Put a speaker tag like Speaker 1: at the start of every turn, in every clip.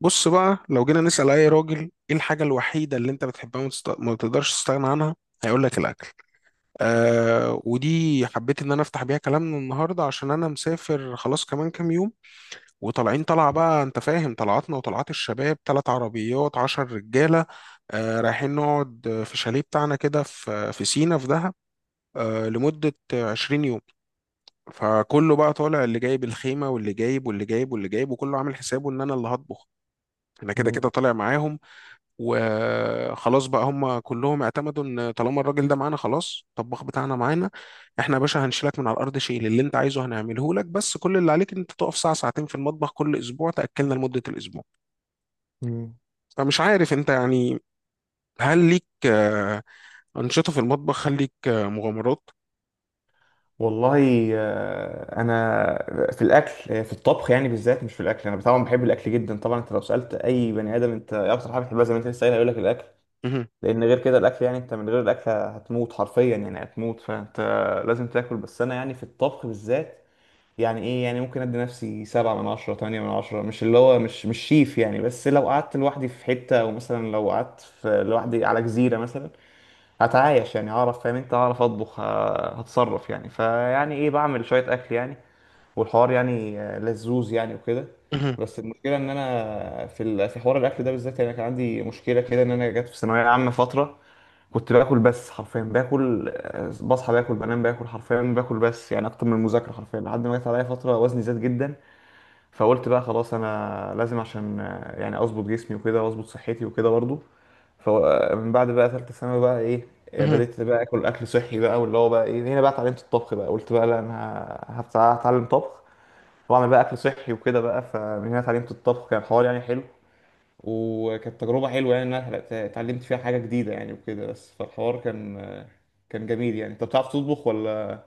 Speaker 1: بص بقى، لو جينا نسأل أي راجل إيه الحاجة الوحيدة اللي أنت بتحبها وما تقدرش تستغنى عنها، هيقول لك الأكل. آه، ودي حبيت إن أنا أفتح بيها كلامنا النهاردة عشان أنا مسافر خلاص كمان كام يوم. وطالعين طلعة بقى، أنت فاهم طلعاتنا وطلعات الشباب، تلات عربيات عشر رجالة. آه، رايحين نقعد، في الشاليه بتاعنا كده، في سينا في دهب. آه، لمدة 20 يوم. فكله بقى طالع، اللي جايب الخيمة واللي جايب واللي جايب واللي جايب، وكله عامل حسابه إن أنا اللي هطبخ. أنا كده
Speaker 2: مم.
Speaker 1: كده طالع معاهم. وخلاص بقى هم كلهم اعتمدوا ان طالما الراجل ده معانا خلاص، الطباخ بتاعنا معانا. احنا يا باشا هنشيلك من على الارض، شيل اللي انت عايزه هنعمله لك، بس كل اللي عليك ان انت تقف ساعه ساعتين في المطبخ كل اسبوع تاكلنا لمده الاسبوع.
Speaker 2: مم.
Speaker 1: فمش عارف انت يعني، هل ليك انشطه في المطبخ؟ هل ليك مغامرات؟
Speaker 2: والله، انا في الاكل، في الطبخ يعني بالذات، مش في الاكل. انا طبعا بحب الاكل جدا. طبعا انت لو سالت اي بني ادم: انت إيه اكتر حاجه بتحبها؟ زي ما انت لسه قايل، هيقول لك: الاكل.
Speaker 1: مهم.
Speaker 2: لان غير كده الاكل يعني، انت من غير الاكل هتموت، حرفيا يعني هتموت، فانت لازم تاكل. بس انا يعني في الطبخ بالذات، يعني ايه، يعني ممكن ادي نفسي 7/10 8/10، مش اللي هو مش شيف يعني. بس لو قعدت لوحدي في حتة، او مثلا لو قعدت لوحدي على جزيرة مثلا، هتعايش يعني، هعرف فاهم انت، هعرف اطبخ، هتصرف يعني. فيعني ايه، بعمل شوية اكل يعني، والحوار يعني لذوذ يعني وكده. بس المشكلة ان انا في في حوار الاكل ده بالذات، يعني كان عندي مشكلة كده ان انا جت في ثانوية عامة فترة كنت باكل، بس حرفيا باكل، بصحى باكل بنام باكل حرفيا باكل، بس يعني اكتر من المذاكرة حرفيا، لحد ما جت عليا فترة وزني زاد جدا. فقلت بقى خلاص انا لازم، عشان يعني اظبط جسمي وكده واظبط صحتي وكده برضو. فمن بعد بقى ثالثة ثانوي بقى ايه،
Speaker 1: مهم.
Speaker 2: بدأت بقى اكل اكل صحي بقى، واللي هو بقى ايه، هنا بقى اتعلمت الطبخ بقى، قلت بقى لا انا هتعلم طبخ واعمل بقى اكل صحي وكده بقى. فمن هنا اتعلمت الطبخ، كان حوار يعني حلو، وكانت تجربة حلوة، يعني ان انا اتعلمت فيها حاجة جديدة يعني وكده، بس فالحوار كان جميل يعني. انت بتعرف تطبخ ولا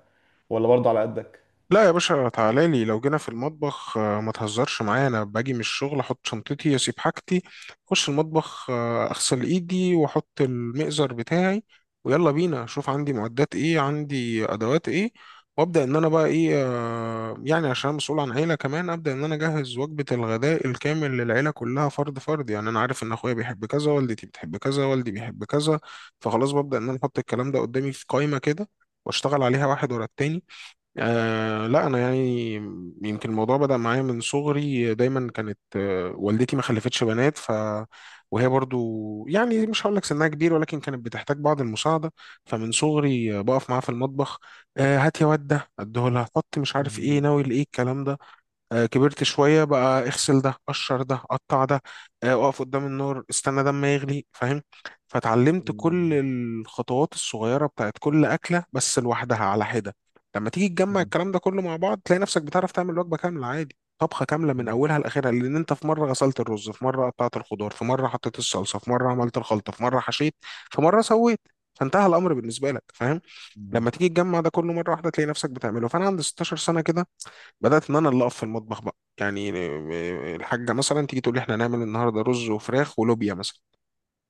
Speaker 2: ولا برضه على قدك؟
Speaker 1: لا يا باشا، تعالى لي. لو جينا في المطبخ ما تهزرش معايا، انا باجي من الشغل احط شنطتي اسيب حاجتي اخش المطبخ، اغسل ايدي واحط المئزر بتاعي، ويلا بينا اشوف عندي معدات ايه عندي ادوات ايه. وابدا ان انا بقى ايه، يعني عشان أنا مسؤول عن عيله كمان ابدا ان انا اجهز وجبه الغداء الكامل للعيله كلها فرد فرد. يعني انا عارف ان اخويا بيحب كذا، والدتي بتحب كذا، والدي بيحب كذا. فخلاص ببدا ان انا احط الكلام ده قدامي في قائمه كده واشتغل عليها واحد ورا التاني. آه لا، انا يعني يمكن الموضوع بدأ معايا من صغري. دايما كانت والدتي ما خلفتش بنات، ف وهي برضو يعني مش هقول لك سنها كبير، ولكن كانت بتحتاج بعض المساعده. فمن صغري بقف معاها في المطبخ. آه، هات يا واد ده اديه لها حط مش عارف ايه
Speaker 2: امم.
Speaker 1: ناوي لايه الكلام ده. كبرت شوية بقى، اغسل ده قشر ده قطع ده. اقف قدام النور استنى ده ما يغلي فاهم. فتعلمت كل الخطوات الصغيرة بتاعت كل أكلة بس لوحدها على حدة. لما تيجي تجمع الكلام ده كله مع بعض تلاقي نفسك بتعرف تعمل وجبة كاملة عادي، طبخة كاملة من أولها لآخرها، لأن أنت في مرة غسلت الرز، في مرة قطعت الخضار، في مرة حطيت الصلصة، في مرة عملت الخلطة، في مرة حشيت، في مرة سويت. فانتهى الأمر بالنسبة لك فاهم. لما تيجي تجمع ده كله مرة واحدة تلاقي نفسك بتعمله. فأنا عند 16 سنة كده بدات ان انا اللي اقف في المطبخ بقى، يعني الحاجه مثلا تيجي تقول لي احنا هنعمل النهارده رز وفراخ ولوبيا مثلا،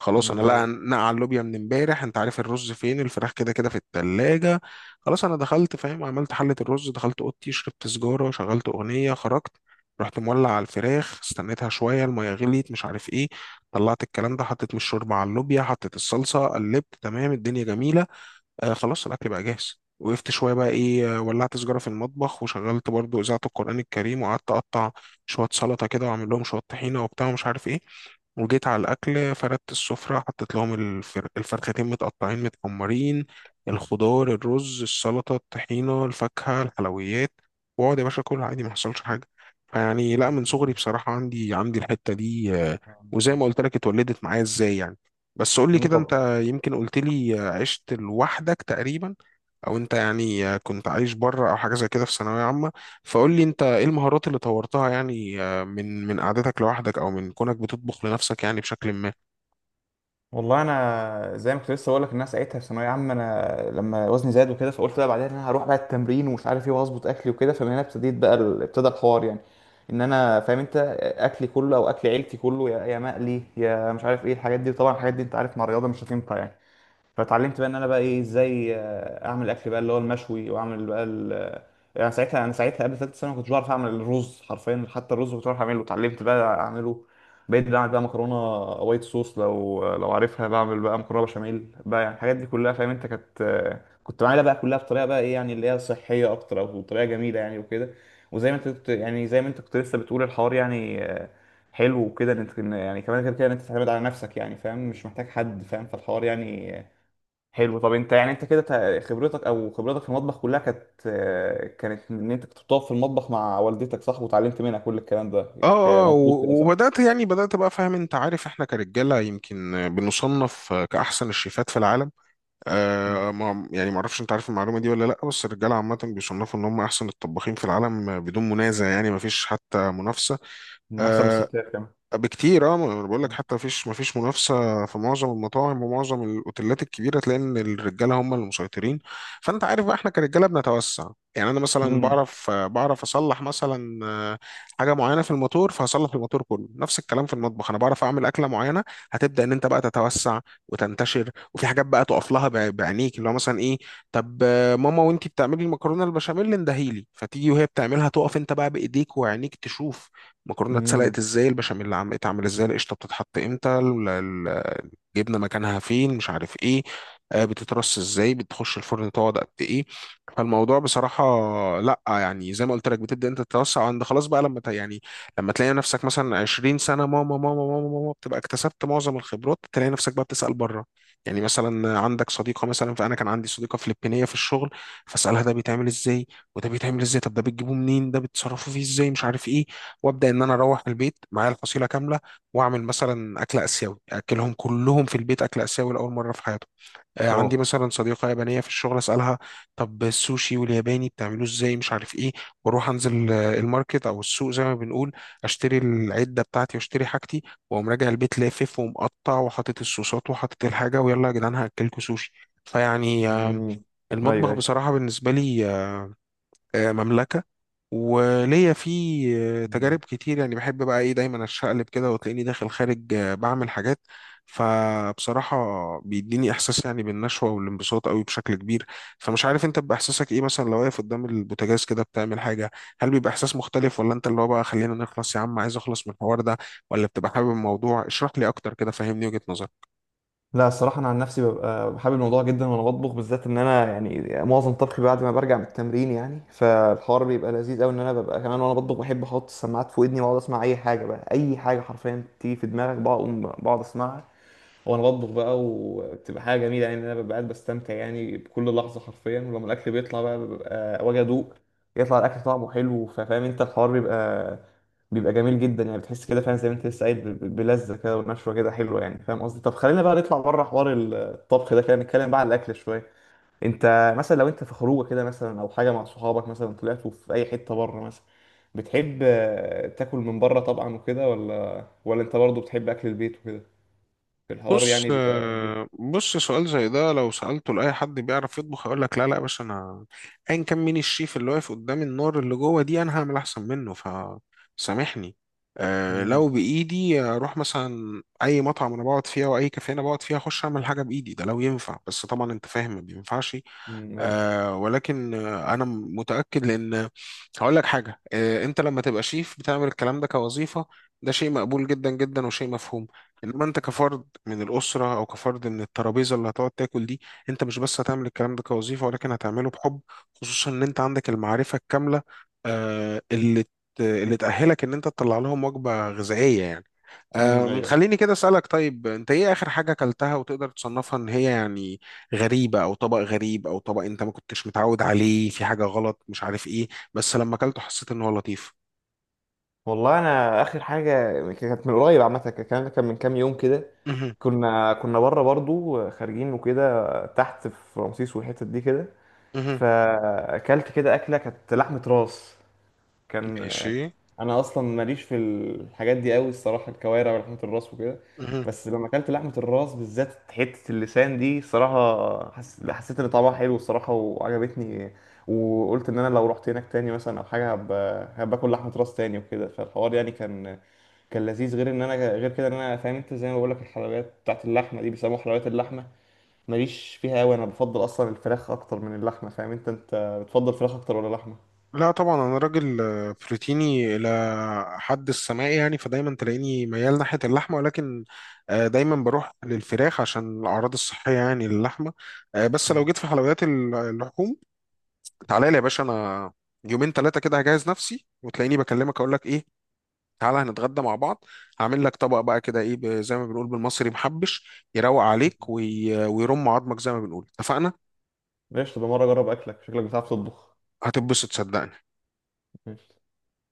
Speaker 1: خلاص انا لا
Speaker 2: أيوة.
Speaker 1: نقع اللوبيا من امبارح، انت عارف الرز فين الفراخ كده كده في التلاجة. خلاص انا دخلت فاهم، عملت حله الرز، دخلت اوضتي شربت سجاره شغلت اغنيه خرجت، رحت مولع على الفراخ استنيتها شويه الميه غليت مش عارف ايه، طلعت الكلام ده حطيت من الشوربه على اللوبيا، حطيت الصلصه قلبت تمام الدنيا جميله. آه خلاص الاكل بقى جاهز. وقفت شويه بقى ايه، ولعت سجاره في المطبخ وشغلت برضو اذاعه القران الكريم وقعدت اقطع شويه سلطه كده واعمل لهم شويه طحينه وبتاع ومش عارف ايه. وجيت على الاكل فردت السفره، حطيت لهم الفرختين متقطعين متحمرين، الخضار الرز السلطه الطحينه الفاكهه الحلويات، واقعد يا باشا كل عادي ما حصلش حاجه. فيعني لا، من صغري بصراحه عندي الحته دي وزي ما قلت لك اتولدت معايا. ازاي يعني؟ بس قول لي
Speaker 2: مم،
Speaker 1: كده
Speaker 2: طب.
Speaker 1: انت، يمكن قلت لي عشت لوحدك تقريبا، او انت يعني كنت عايش بره او حاجه زي كده في ثانويه عامه، فقول لي انت ايه المهارات اللي طورتها يعني من قعدتك لوحدك او من كونك بتطبخ لنفسك يعني بشكل ما.
Speaker 2: والله انا زي ما كنت لسه بقول لك، الناس ساعتها في ثانويه عامه، انا لما وزني زاد وكده، فقلت بقى بعدين انا هروح بقى التمرين ومش عارف ايه، وهظبط اكلي وكده، فمن هنا ابتديت بقى ابتدى الحوار يعني. ان انا فاهم انت، اكلي كله او اكل عيلتي كله، يا مقلي يا مش عارف ايه الحاجات دي. طبعا الحاجات دي انت عارف مع الرياضه مش هتنفع يعني. فاتعلمت بقى ان انا بقى ايه، ازاي اعمل الاكل بقى اللي هو المشوي، واعمل بقى ال... آه، يعني ساعتها انا ساعتها قبل ثالثه ثانوي ما كنتش بعرف اعمل الرز حرفيا. حتى الرز كنت بعرف اعمله، اتعلمت بقى اعمله. بقيت بعمل بقى مكرونه وايت صوص لو عارفها، بعمل بقى مكرونه بشاميل بقى، يعني الحاجات دي كلها فاهم انت، كانت كنت بعملها بقى كلها بطريقه بقى ايه يعني، اللي هي صحيه اكتر او طريقه جميله يعني وكده. وزي ما انت كنت يعني، زي ما انت كنت لسه بتقول، الحوار يعني حلو وكده، ان إن يعني كمان غير كده ان انت تعتمد على نفسك يعني، فاهم مش محتاج حد فاهم، فالحوار يعني حلو. طب انت يعني، انت كده خبرتك او خبرتك في المطبخ كلها كانت كانت ان انت كنت بتقف في المطبخ مع والدتك، صح، وتعلمت منها كل الكلام ده.
Speaker 1: اه اه
Speaker 2: مظبوط كده، صح؟
Speaker 1: وبدات يعني بدات بقى، فاهم انت، عارف احنا كرجاله يمكن بنصنف كاحسن الشيفات في العالم.
Speaker 2: مم.
Speaker 1: آه، ما يعني ما اعرفش انت عارف المعلومه دي ولا لا، بس الرجاله عامه بيصنفوا ان هم احسن الطباخين في العالم بدون منازع، يعني ما فيش حتى منافسه.
Speaker 2: من احسن من
Speaker 1: آه،
Speaker 2: الستات كمان.
Speaker 1: بكتير. اه، ما انا بقول لك حتى مفيش منافسه، في معظم المطاعم ومعظم الاوتيلات الكبيره تلاقي ان الرجاله هم اللي مسيطرين. فانت عارف بقى احنا كرجاله بنتوسع. يعني انا مثلا
Speaker 2: امم.
Speaker 1: بعرف اصلح مثلا حاجه معينه في الموتور فهصلح الموتور كله، نفس الكلام في المطبخ. انا بعرف اعمل اكله معينه، هتبدا ان انت بقى تتوسع وتنتشر، وفي حاجات بقى تقف لها بعينيك، اللي هو مثلا ايه؟ طب ماما وانتي بتعملي المكرونه البشاميل اندهيلي، فتيجي وهي بتعملها تقف انت بقى بايديك وعينيك تشوف المكرونه اتسلقت
Speaker 2: امم.
Speaker 1: ازاي، البشاميل عم اتعمل ازاي، القشطه بتتحط امتى، جبنا مكانها فين مش عارف ايه، بتترص ازاي، بتخش الفرن تقعد قد ايه. فالموضوع بصراحة لا، يعني زي ما قلت لك بتبدأ انت تتوسع، عند خلاص بقى لما يعني لما تلاقي نفسك مثلا 20 سنة ماما ماما ماما ماما، بتبقى اكتسبت معظم الخبرات، تلاقي نفسك بقى بتسأل بره. يعني مثلا عندك صديقة مثلا، فأنا كان عندي صديقة فلبينية في الشغل، فأسألها ده بيتعمل ازاي وده بيتعمل ازاي، طب ده بتجيبوه منين، ده بتصرفوا فيه ازاي مش عارف ايه. وابدا ان انا اروح البيت معايا الفصيله كامله، واعمل مثلا اكل اسيوي، اكلهم كلهم في البيت اكل اسيوي لاول مره في حياتهم.
Speaker 2: واو.
Speaker 1: عندي مثلا صديقه يابانيه في الشغل، اسالها طب السوشي والياباني بتعملوه ازاي مش عارف ايه، واروح انزل الماركت او السوق زي ما بنقول، اشتري العده بتاعتي واشتري حاجتي، واقوم راجع البيت لافف ومقطع وحاطط الصوصات وحاطط الحاجه، ويلا يا جدعان هاكلكوا سوشي. فيعني
Speaker 2: امم.
Speaker 1: المطبخ
Speaker 2: ايوه، ايوه.
Speaker 1: بصراحه بالنسبه لي مملكه. وليا في
Speaker 2: مم.
Speaker 1: تجارب كتير، يعني بحب بقى ايه دايما اشقلب كده، وتلاقيني داخل خارج بعمل حاجات. فبصراحة بيديني احساس يعني بالنشوة والانبساط قوي بشكل كبير. فمش عارف انت، بيبقى احساسك ايه مثلا لو واقف قدام البوتاجاز كده بتعمل حاجة، هل بيبقى احساس مختلف، ولا انت اللي هو بقى خلينا نخلص يا عم عايز اخلص من الحوار ده، ولا بتبقى حابب الموضوع؟ اشرح لي اكتر كده، فهمني وجهة نظرك.
Speaker 2: لا، الصراحه انا عن نفسي ببقى بحب الموضوع جدا، وانا بطبخ بالذات ان انا يعني معظم طبخي بعد ما برجع من التمرين يعني، فالحوار بيبقى لذيذ قوي. ان انا ببقى كمان وانا بطبخ بحب احط السماعات في ودني، واقعد اسمع اي حاجه بقى، اي حاجه حرفيا تيجي في دماغك بقوم بقعد اسمعها وانا بطبخ بقى. وبتبقى حاجه جميله يعني، انا ببقى قاعد بستمتع يعني بكل لحظه حرفيا، ولما الاكل بيطلع بقى ببقى واجي ادوق. يطلع الاكل طعمه حلو، فاهم انت، الحوار بيبقى جميل جدا يعني. بتحس كده فعلا زي ما انت لسه قايل، بلذه كده ونشوه كده حلوه يعني، فاهم قصدي. طب خلينا بقى نطلع بره حوار الطبخ ده كده، نتكلم بقى على الاكل شويه. انت مثلا لو انت في خروجه كده مثلا، او حاجه مع صحابك، مثلا طلعتوا في اي حته بره مثلا، بتحب تاكل من بره طبعا وكده، ولا انت برضه بتحب اكل البيت وكده؟ الحوار يعني بيبقى ايه؟
Speaker 1: بص، سؤال زي ده لو سألته لأي حد بيعرف يطبخ هيقول لك لا لا يا باشا، أنا أيا كان مين الشيف اللي واقف قدام النار اللي جوه دي، أنا هعمل أحسن منه فسامحني. أه،
Speaker 2: مم،
Speaker 1: لو بإيدي أروح مثلا أي مطعم أنا بقعد فيها وأي كافيه أنا بقعد فيها أخش أعمل حاجة بإيدي، ده لو ينفع، بس طبعا أنت فاهم ما بينفعش.
Speaker 2: مم، ايوه.
Speaker 1: آه، ولكن انا متاكد، لان هقول لك حاجه، انت لما تبقى شيف بتعمل الكلام ده كوظيفه، ده شيء مقبول جدا جدا وشيء مفهوم، انما انت كفرد من الأسرة أو كفرد من الترابيزة اللي هتقعد تاكل دي، أنت مش بس هتعمل الكلام ده كوظيفة ولكن هتعمله بحب، خصوصا إن أنت عندك المعرفة الكاملة اللي اللي تأهلك إن أنت تطلع لهم وجبة غذائية يعني.
Speaker 2: مم، ايوه.
Speaker 1: خليني كده أسألك، طيب أنت إيه آخر حاجة أكلتها وتقدر تصنفها إن هي يعني غريبة، أو طبق غريب، أو طبق أنت ما كنتش متعود عليه في حاجة غلط مش عارف إيه، بس لما أكلته حسيت إن هو لطيف؟
Speaker 2: والله انا اخر حاجه كانت من قريب عامه، الكلام ده كان من كام يوم كده.
Speaker 1: مهم.
Speaker 2: كنا بره برضو خارجين وكده، تحت في رمسيس والحتت دي كده.
Speaker 1: مهم.
Speaker 2: فاكلت كده اكله كانت لحمه راس، كان آه،
Speaker 1: ماشي.
Speaker 2: انا اصلا ماليش في الحاجات دي قوي الصراحه، الكوارع ولحمه الراس وكده.
Speaker 1: مهم.
Speaker 2: بس لما اكلت لحمه الراس بالذات، حته اللسان دي صراحه، حسيت ان طعمها حلو الصراحه، وعجبتني. وقلت ان انا لو رحت هناك تاني مثلا او حاجه، هباكل لحمه راس تاني وكده. فالحوار يعني كان لذيذ. غير ان انا، غير كده ان انا فاهم انت، زي ما بقول لك، الحلويات بتاعت اللحمه دي بيسموها حلويات اللحمه، ماليش فيها قوي، انا بفضل اصلا الفراخ اكتر من اللحمه، فاهم انت. انت بتفضل فراخ اكتر ولا لحمه؟
Speaker 1: لا طبعا، انا راجل بروتيني الى حد السماء يعني، فدايما تلاقيني ميال ناحيه اللحمه، ولكن دايما بروح للفراخ عشان الاعراض الصحيه يعني للحمه. بس لو جيت في حلويات اللحوم، تعالى لي يا باشا. انا يومين ثلاثه كده هجهز نفسي وتلاقيني بكلمك اقول لك ايه، تعالى هنتغدى مع بعض، هعمل لك طبق بقى كده ايه، زي ما بنقول بالمصري محبش يروق عليك ويرم عظمك زي ما بنقول، اتفقنا؟
Speaker 2: ماشي، تبقى مرة أجرب أكلك، شكلك بتعرف تطبخ.
Speaker 1: هتتبسط صدقني.
Speaker 2: ماشي.